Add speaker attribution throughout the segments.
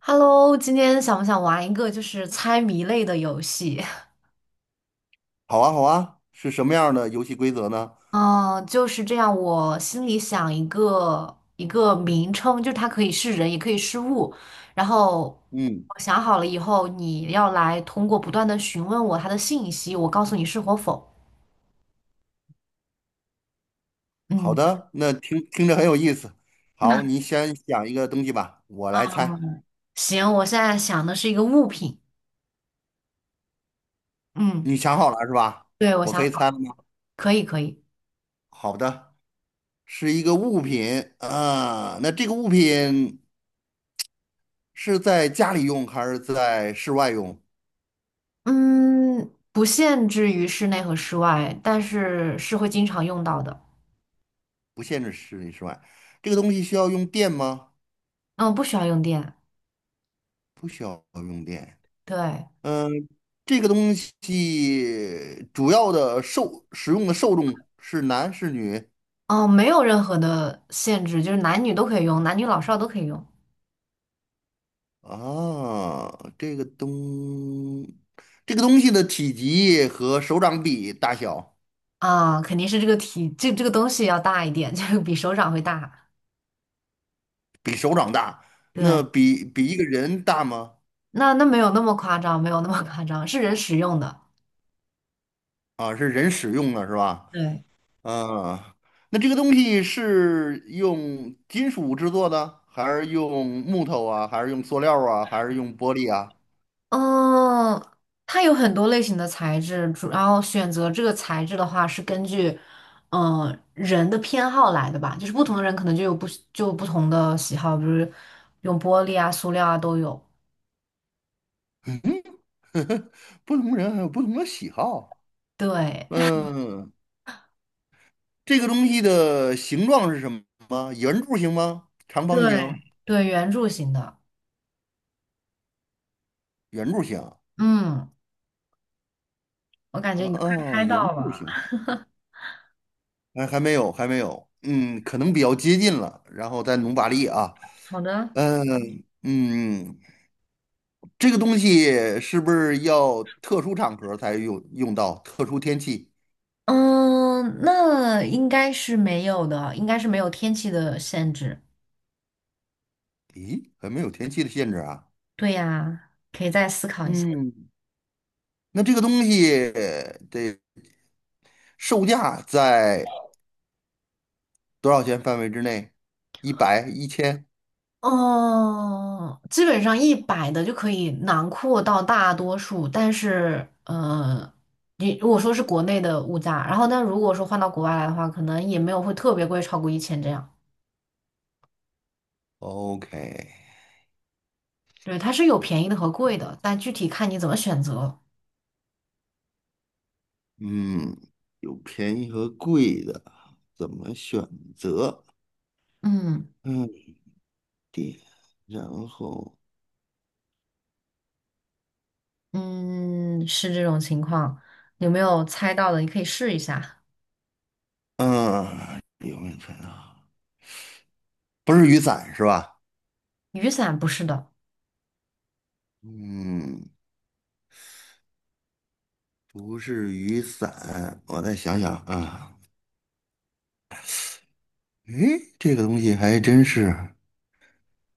Speaker 1: Hello，今天想不想玩一个就是猜谜类的游戏？
Speaker 2: 好啊，好啊，是什么样的游戏规则呢？
Speaker 1: 嗯，就是这样。我心里想一个一个名称，就是它可以是人，也可以是物。然后
Speaker 2: 嗯，
Speaker 1: 我想好了以后，你要来通过不断的询问我它的信息，我告诉你是或否。
Speaker 2: 好
Speaker 1: 嗯，
Speaker 2: 的，那听听着很有意思。
Speaker 1: 那
Speaker 2: 好，你先想一个东西吧，我
Speaker 1: 啊，
Speaker 2: 来猜。
Speaker 1: 行，我现在想的是一个物品。嗯，
Speaker 2: 你想好了是吧？
Speaker 1: 对，我
Speaker 2: 我可
Speaker 1: 想
Speaker 2: 以猜了
Speaker 1: 好，
Speaker 2: 吗？
Speaker 1: 可以，可以。
Speaker 2: 好的，是一个物品啊。那这个物品是在家里用还是在室外用？
Speaker 1: 嗯，不限制于室内和室外，但是是会经常用到的。
Speaker 2: 室外，这个东西需要用电吗？
Speaker 1: 嗯，不需要用电。
Speaker 2: 不需要用电。
Speaker 1: 对，
Speaker 2: 嗯，这个东西主要的受使用的受众是男是女？
Speaker 1: 哦，没有任何的限制，就是男女都可以用，男女老少都可以用
Speaker 2: 啊，这个东，这个东西的体积和手掌比大小，
Speaker 1: 啊，肯定是这个体，这这个东西要大一点，就是比手掌会大。
Speaker 2: 比手掌大，那
Speaker 1: 对，
Speaker 2: 比一个人大吗？
Speaker 1: 那没有那么夸张，没有那么夸张，是人使用的。
Speaker 2: 啊，是人使用的是吧？
Speaker 1: 对，
Speaker 2: 啊，那这个东西是用金属制作的，还是用木头啊，还是用塑料啊，还是用玻璃啊？
Speaker 1: 嗯，它有很多类型的材质，主要选择这个材质的话是根据，嗯、人的偏好来的吧，就是不同的人可能就有不同的喜好，比如用玻璃啊、塑料啊都有。
Speaker 2: 不同人还有不同的喜好。
Speaker 1: 对，
Speaker 2: 嗯，这个东西的形状是什么？圆柱形吗？长方
Speaker 1: 对，
Speaker 2: 形？
Speaker 1: 对，圆柱形的。
Speaker 2: 圆柱形。
Speaker 1: 嗯，我感觉
Speaker 2: 啊，
Speaker 1: 你快
Speaker 2: 啊
Speaker 1: 猜
Speaker 2: 原
Speaker 1: 到
Speaker 2: 住
Speaker 1: 了。
Speaker 2: 型，还没有，还没有，嗯，可能比较接近了，然后再努把力啊，
Speaker 1: 好的，
Speaker 2: 嗯嗯，这个东西是不是要特殊场合才用到，特殊天气？
Speaker 1: 嗯，那应该是没有的，应该是没有天气的限制。
Speaker 2: 咦，还没有天气的限制啊，
Speaker 1: 对呀，可以再思考一下。
Speaker 2: 嗯，那这个东西得售价在多少钱范围之内？一百、一千
Speaker 1: 哦，基本上100的就可以囊括到大多数，但是，你如果说是国内的物价，然后但如果说换到国外来的话，可能也没有会特别贵，超过1000这样。
Speaker 2: ？OK，
Speaker 1: 对，它是有便宜的和贵的，但具体看你怎么选择。
Speaker 2: 嗯，有便宜和贵的，怎么选择？
Speaker 1: 嗯。
Speaker 2: 嗯。然后，
Speaker 1: 嗯，是这种情况，有没有猜到的？你可以试一下。
Speaker 2: 嗯，有没有看到？不是雨伞是吧？
Speaker 1: 雨伞不是的，
Speaker 2: 嗯，不是雨伞，我再想想啊。诶，这个东西还真是，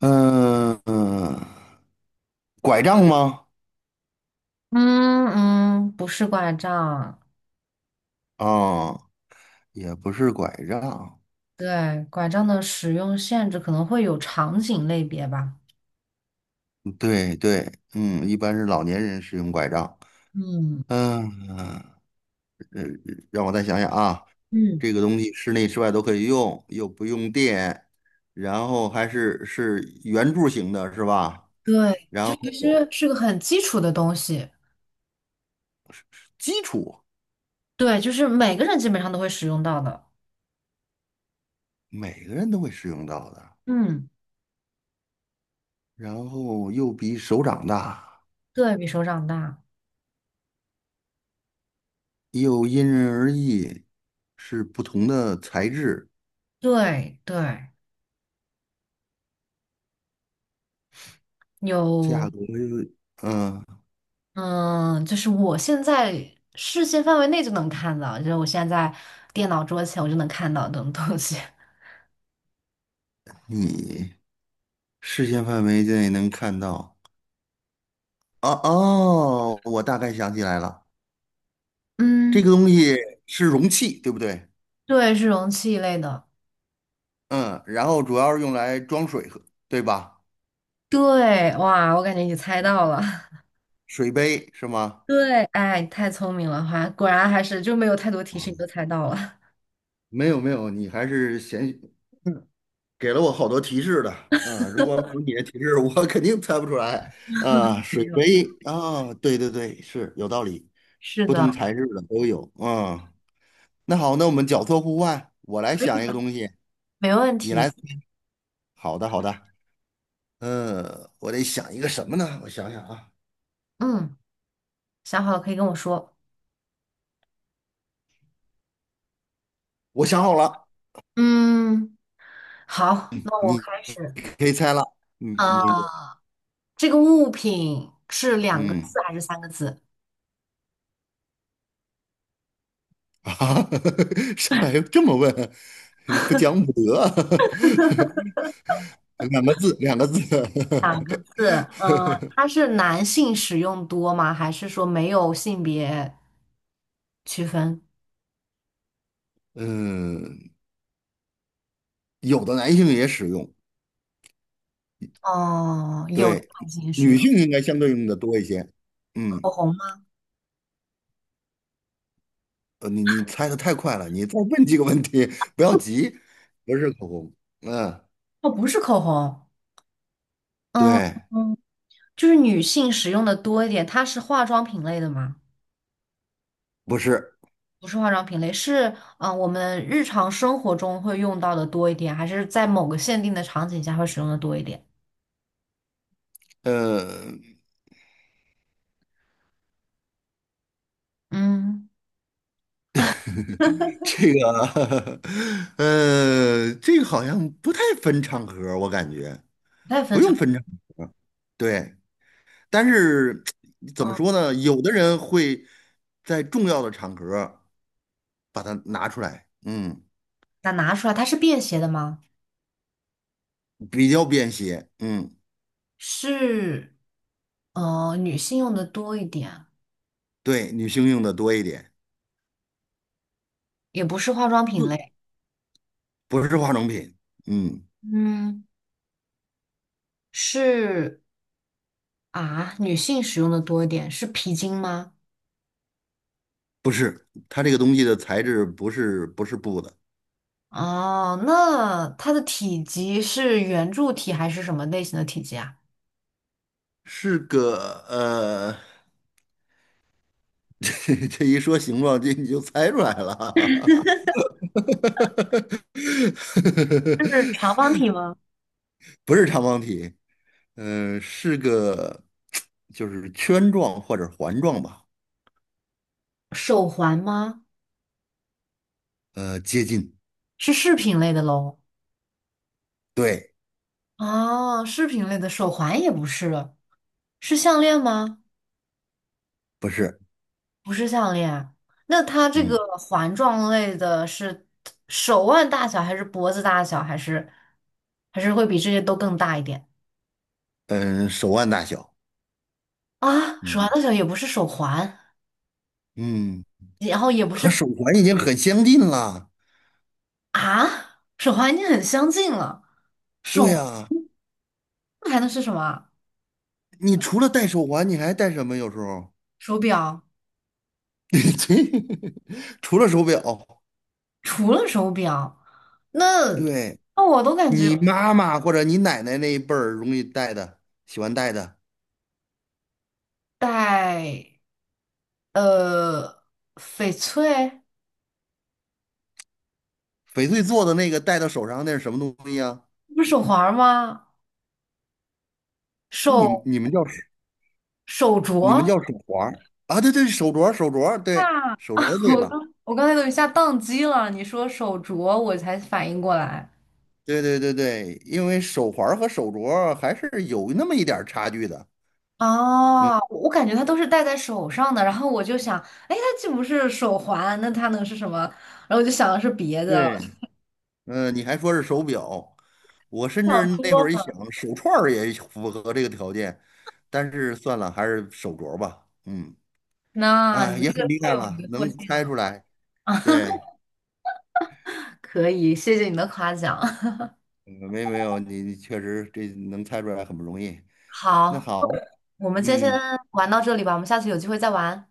Speaker 2: 嗯、嗯，拐杖吗？
Speaker 1: 嗯嗯，不是拐杖。
Speaker 2: 哦，也不是拐杖，
Speaker 1: 对，拐杖的使用限制可能会有场景类别吧。
Speaker 2: 对对，嗯，一般是老年人使用拐杖。
Speaker 1: 嗯
Speaker 2: 嗯、呃，让我再想想啊，
Speaker 1: 嗯，
Speaker 2: 这个东西室内室外都可以用，又不用电，然后还是圆柱形的，是吧？
Speaker 1: 对，
Speaker 2: 然
Speaker 1: 就其
Speaker 2: 后
Speaker 1: 实是个很基础的东西。
Speaker 2: 基础
Speaker 1: 对，就是每个人基本上都会使用到的。
Speaker 2: 每个人都会使用到的，
Speaker 1: 嗯，
Speaker 2: 然后又比手掌大，
Speaker 1: 对，比手掌大。
Speaker 2: 又因人而异，是不同的材质，
Speaker 1: 对对，有。
Speaker 2: 价格又，嗯、
Speaker 1: 嗯，就是我现在视线范围内就能看到，就是我现在在电脑桌前我就能看到这种东西。
Speaker 2: 你视线范围内能看到。哦哦，我大概想起来了，这
Speaker 1: 嗯，
Speaker 2: 个东西是容器，对不对？
Speaker 1: 对，是容器一类的。
Speaker 2: 嗯，然后主要是用来装水喝，对吧？
Speaker 1: 对，哇，我感觉你猜到了。
Speaker 2: 水杯是吗？
Speaker 1: 对，哎，你太聪明了，还果然还是就没有太多提示你都猜到了。
Speaker 2: 没有没有，你还是先给了我好多提示的。嗯，如果没有你的提示，我 肯定猜不出来。啊，水杯啊，对对对，是有道理，
Speaker 1: 是
Speaker 2: 不同
Speaker 1: 的，
Speaker 2: 材质的都有。嗯，那好，那我们角色互换，我来想一个东西，
Speaker 1: 没问
Speaker 2: 你
Speaker 1: 题。
Speaker 2: 来。好的好的，嗯，我得想一个什么呢？我想想啊，
Speaker 1: 嗯，想好了可以跟我说。
Speaker 2: 我想好了，
Speaker 1: 嗯，好，那我
Speaker 2: 你
Speaker 1: 开始。
Speaker 2: 可以猜了。嗯，你
Speaker 1: 啊，这个物品是两个
Speaker 2: 嗯。
Speaker 1: 字还是三个字？
Speaker 2: 啊，上海这么问，你不讲武德，两个字，两个字。
Speaker 1: 两个字，嗯，它是男性使用多吗？还是说没有性别区分？
Speaker 2: 嗯，有的男性也使用，
Speaker 1: 哦，有的
Speaker 2: 对，
Speaker 1: 男性使
Speaker 2: 女
Speaker 1: 用
Speaker 2: 性应该相对用的多一些。嗯，
Speaker 1: 口红吗？
Speaker 2: 呃，你猜的太快了，你再问几个问题，不要急，不是口红，嗯，
Speaker 1: 哦，不是口红，嗯
Speaker 2: 对，
Speaker 1: 嗯，就是女性使用的多一点。它是化妆品类的吗？
Speaker 2: 不是，
Speaker 1: 不是化妆品类，是我们日常生活中会用到的多一点，还是在某个限定的场景下会使用的多一点？
Speaker 2: 呃，
Speaker 1: 嗯，
Speaker 2: 这个，呃，这个好像不太分场合，我感觉。
Speaker 1: 不太分
Speaker 2: 不用
Speaker 1: 场。
Speaker 2: 分场合，对，但是怎么
Speaker 1: 嗯，
Speaker 2: 说呢？有的人会在重要的场合把它拿出来，嗯，
Speaker 1: 那拿出来，它是便携的吗？
Speaker 2: 比较便携，嗯，
Speaker 1: 是女性用的多一点，
Speaker 2: 对，女性用的多一点，
Speaker 1: 也不是化妆品
Speaker 2: 就
Speaker 1: 类，
Speaker 2: 不是化妆品，嗯，
Speaker 1: 嗯，是啊，女性使用的多一点，是皮筋吗？
Speaker 2: 不是，它这个东西的材质不是布的，
Speaker 1: 哦，那它的体积是圆柱体还是什么类型的体积啊？
Speaker 2: 是个呃，这一说形状，这你就猜出来了，
Speaker 1: 是长 方体吗？
Speaker 2: 不是长方体，呃，是个就是圈状或者环状吧，
Speaker 1: 手环吗？
Speaker 2: 呃，接近，
Speaker 1: 是饰品类的喽？
Speaker 2: 对，
Speaker 1: 哦，饰品类的手环也不是，是项链吗？
Speaker 2: 不是，
Speaker 1: 不是项链。那它这
Speaker 2: 嗯
Speaker 1: 个环状类的是手腕大小，还是脖子大小，还是会比这些都更大一点
Speaker 2: 嗯，手腕大小，
Speaker 1: 啊？手腕
Speaker 2: 嗯
Speaker 1: 大小也不是手环，
Speaker 2: 嗯，
Speaker 1: 然后也不
Speaker 2: 和
Speaker 1: 是
Speaker 2: 手环已经很相近了。
Speaker 1: 啊，手环已经很相近了，
Speaker 2: 对呀，
Speaker 1: 那还能是什么啊
Speaker 2: 你除了戴手环，你还戴什么？有时候，
Speaker 1: 手表，
Speaker 2: 这除了手表，
Speaker 1: 除了手表，那
Speaker 2: 对
Speaker 1: 那我都感觉
Speaker 2: 你妈妈或者你奶奶那一辈儿容易戴的，喜欢戴的
Speaker 1: 戴呃翡翠
Speaker 2: 翡翠做的那个戴到手上那是什么东西呀？
Speaker 1: 不是手环吗？
Speaker 2: 啊你
Speaker 1: 手
Speaker 2: 你们叫
Speaker 1: 手
Speaker 2: 你们
Speaker 1: 镯。
Speaker 2: 叫手环儿啊？对对，手镯儿对，
Speaker 1: 啊，
Speaker 2: 手镯儿 对
Speaker 1: 我
Speaker 2: 了，
Speaker 1: 刚我刚才都一下宕机了，你说手镯，我才反应过来。
Speaker 2: 对对对对，因为手环儿和手镯儿还是有那么一点儿差距的。嗯，
Speaker 1: 哦，我感觉它都是戴在手上的，然后我就想，哎，它既不是手环，那它能是什么？然后我就想的是别的，
Speaker 2: 对，你还说是手表，我 甚至
Speaker 1: 想
Speaker 2: 那会
Speaker 1: 多
Speaker 2: 儿一想，
Speaker 1: 了。
Speaker 2: 手串儿也符合这个条件，但是算了，还是手镯儿吧。嗯，
Speaker 1: 那你
Speaker 2: 啊，也
Speaker 1: 这
Speaker 2: 很
Speaker 1: 个
Speaker 2: 厉
Speaker 1: 太
Speaker 2: 害
Speaker 1: 有迷
Speaker 2: 了，
Speaker 1: 惑
Speaker 2: 能
Speaker 1: 性
Speaker 2: 猜
Speaker 1: 了，
Speaker 2: 出来。对，
Speaker 1: 可以，谢谢你的夸奖。
Speaker 2: 嗯没没有，你你确实这能猜出来很不容易。那
Speaker 1: 好，
Speaker 2: 好，
Speaker 1: 我们今天先
Speaker 2: 嗯，
Speaker 1: 玩到这里吧，我们下次有机会再玩，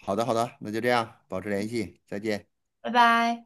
Speaker 2: 好的好的，那就这样，保持联系，再见。
Speaker 1: 拜拜。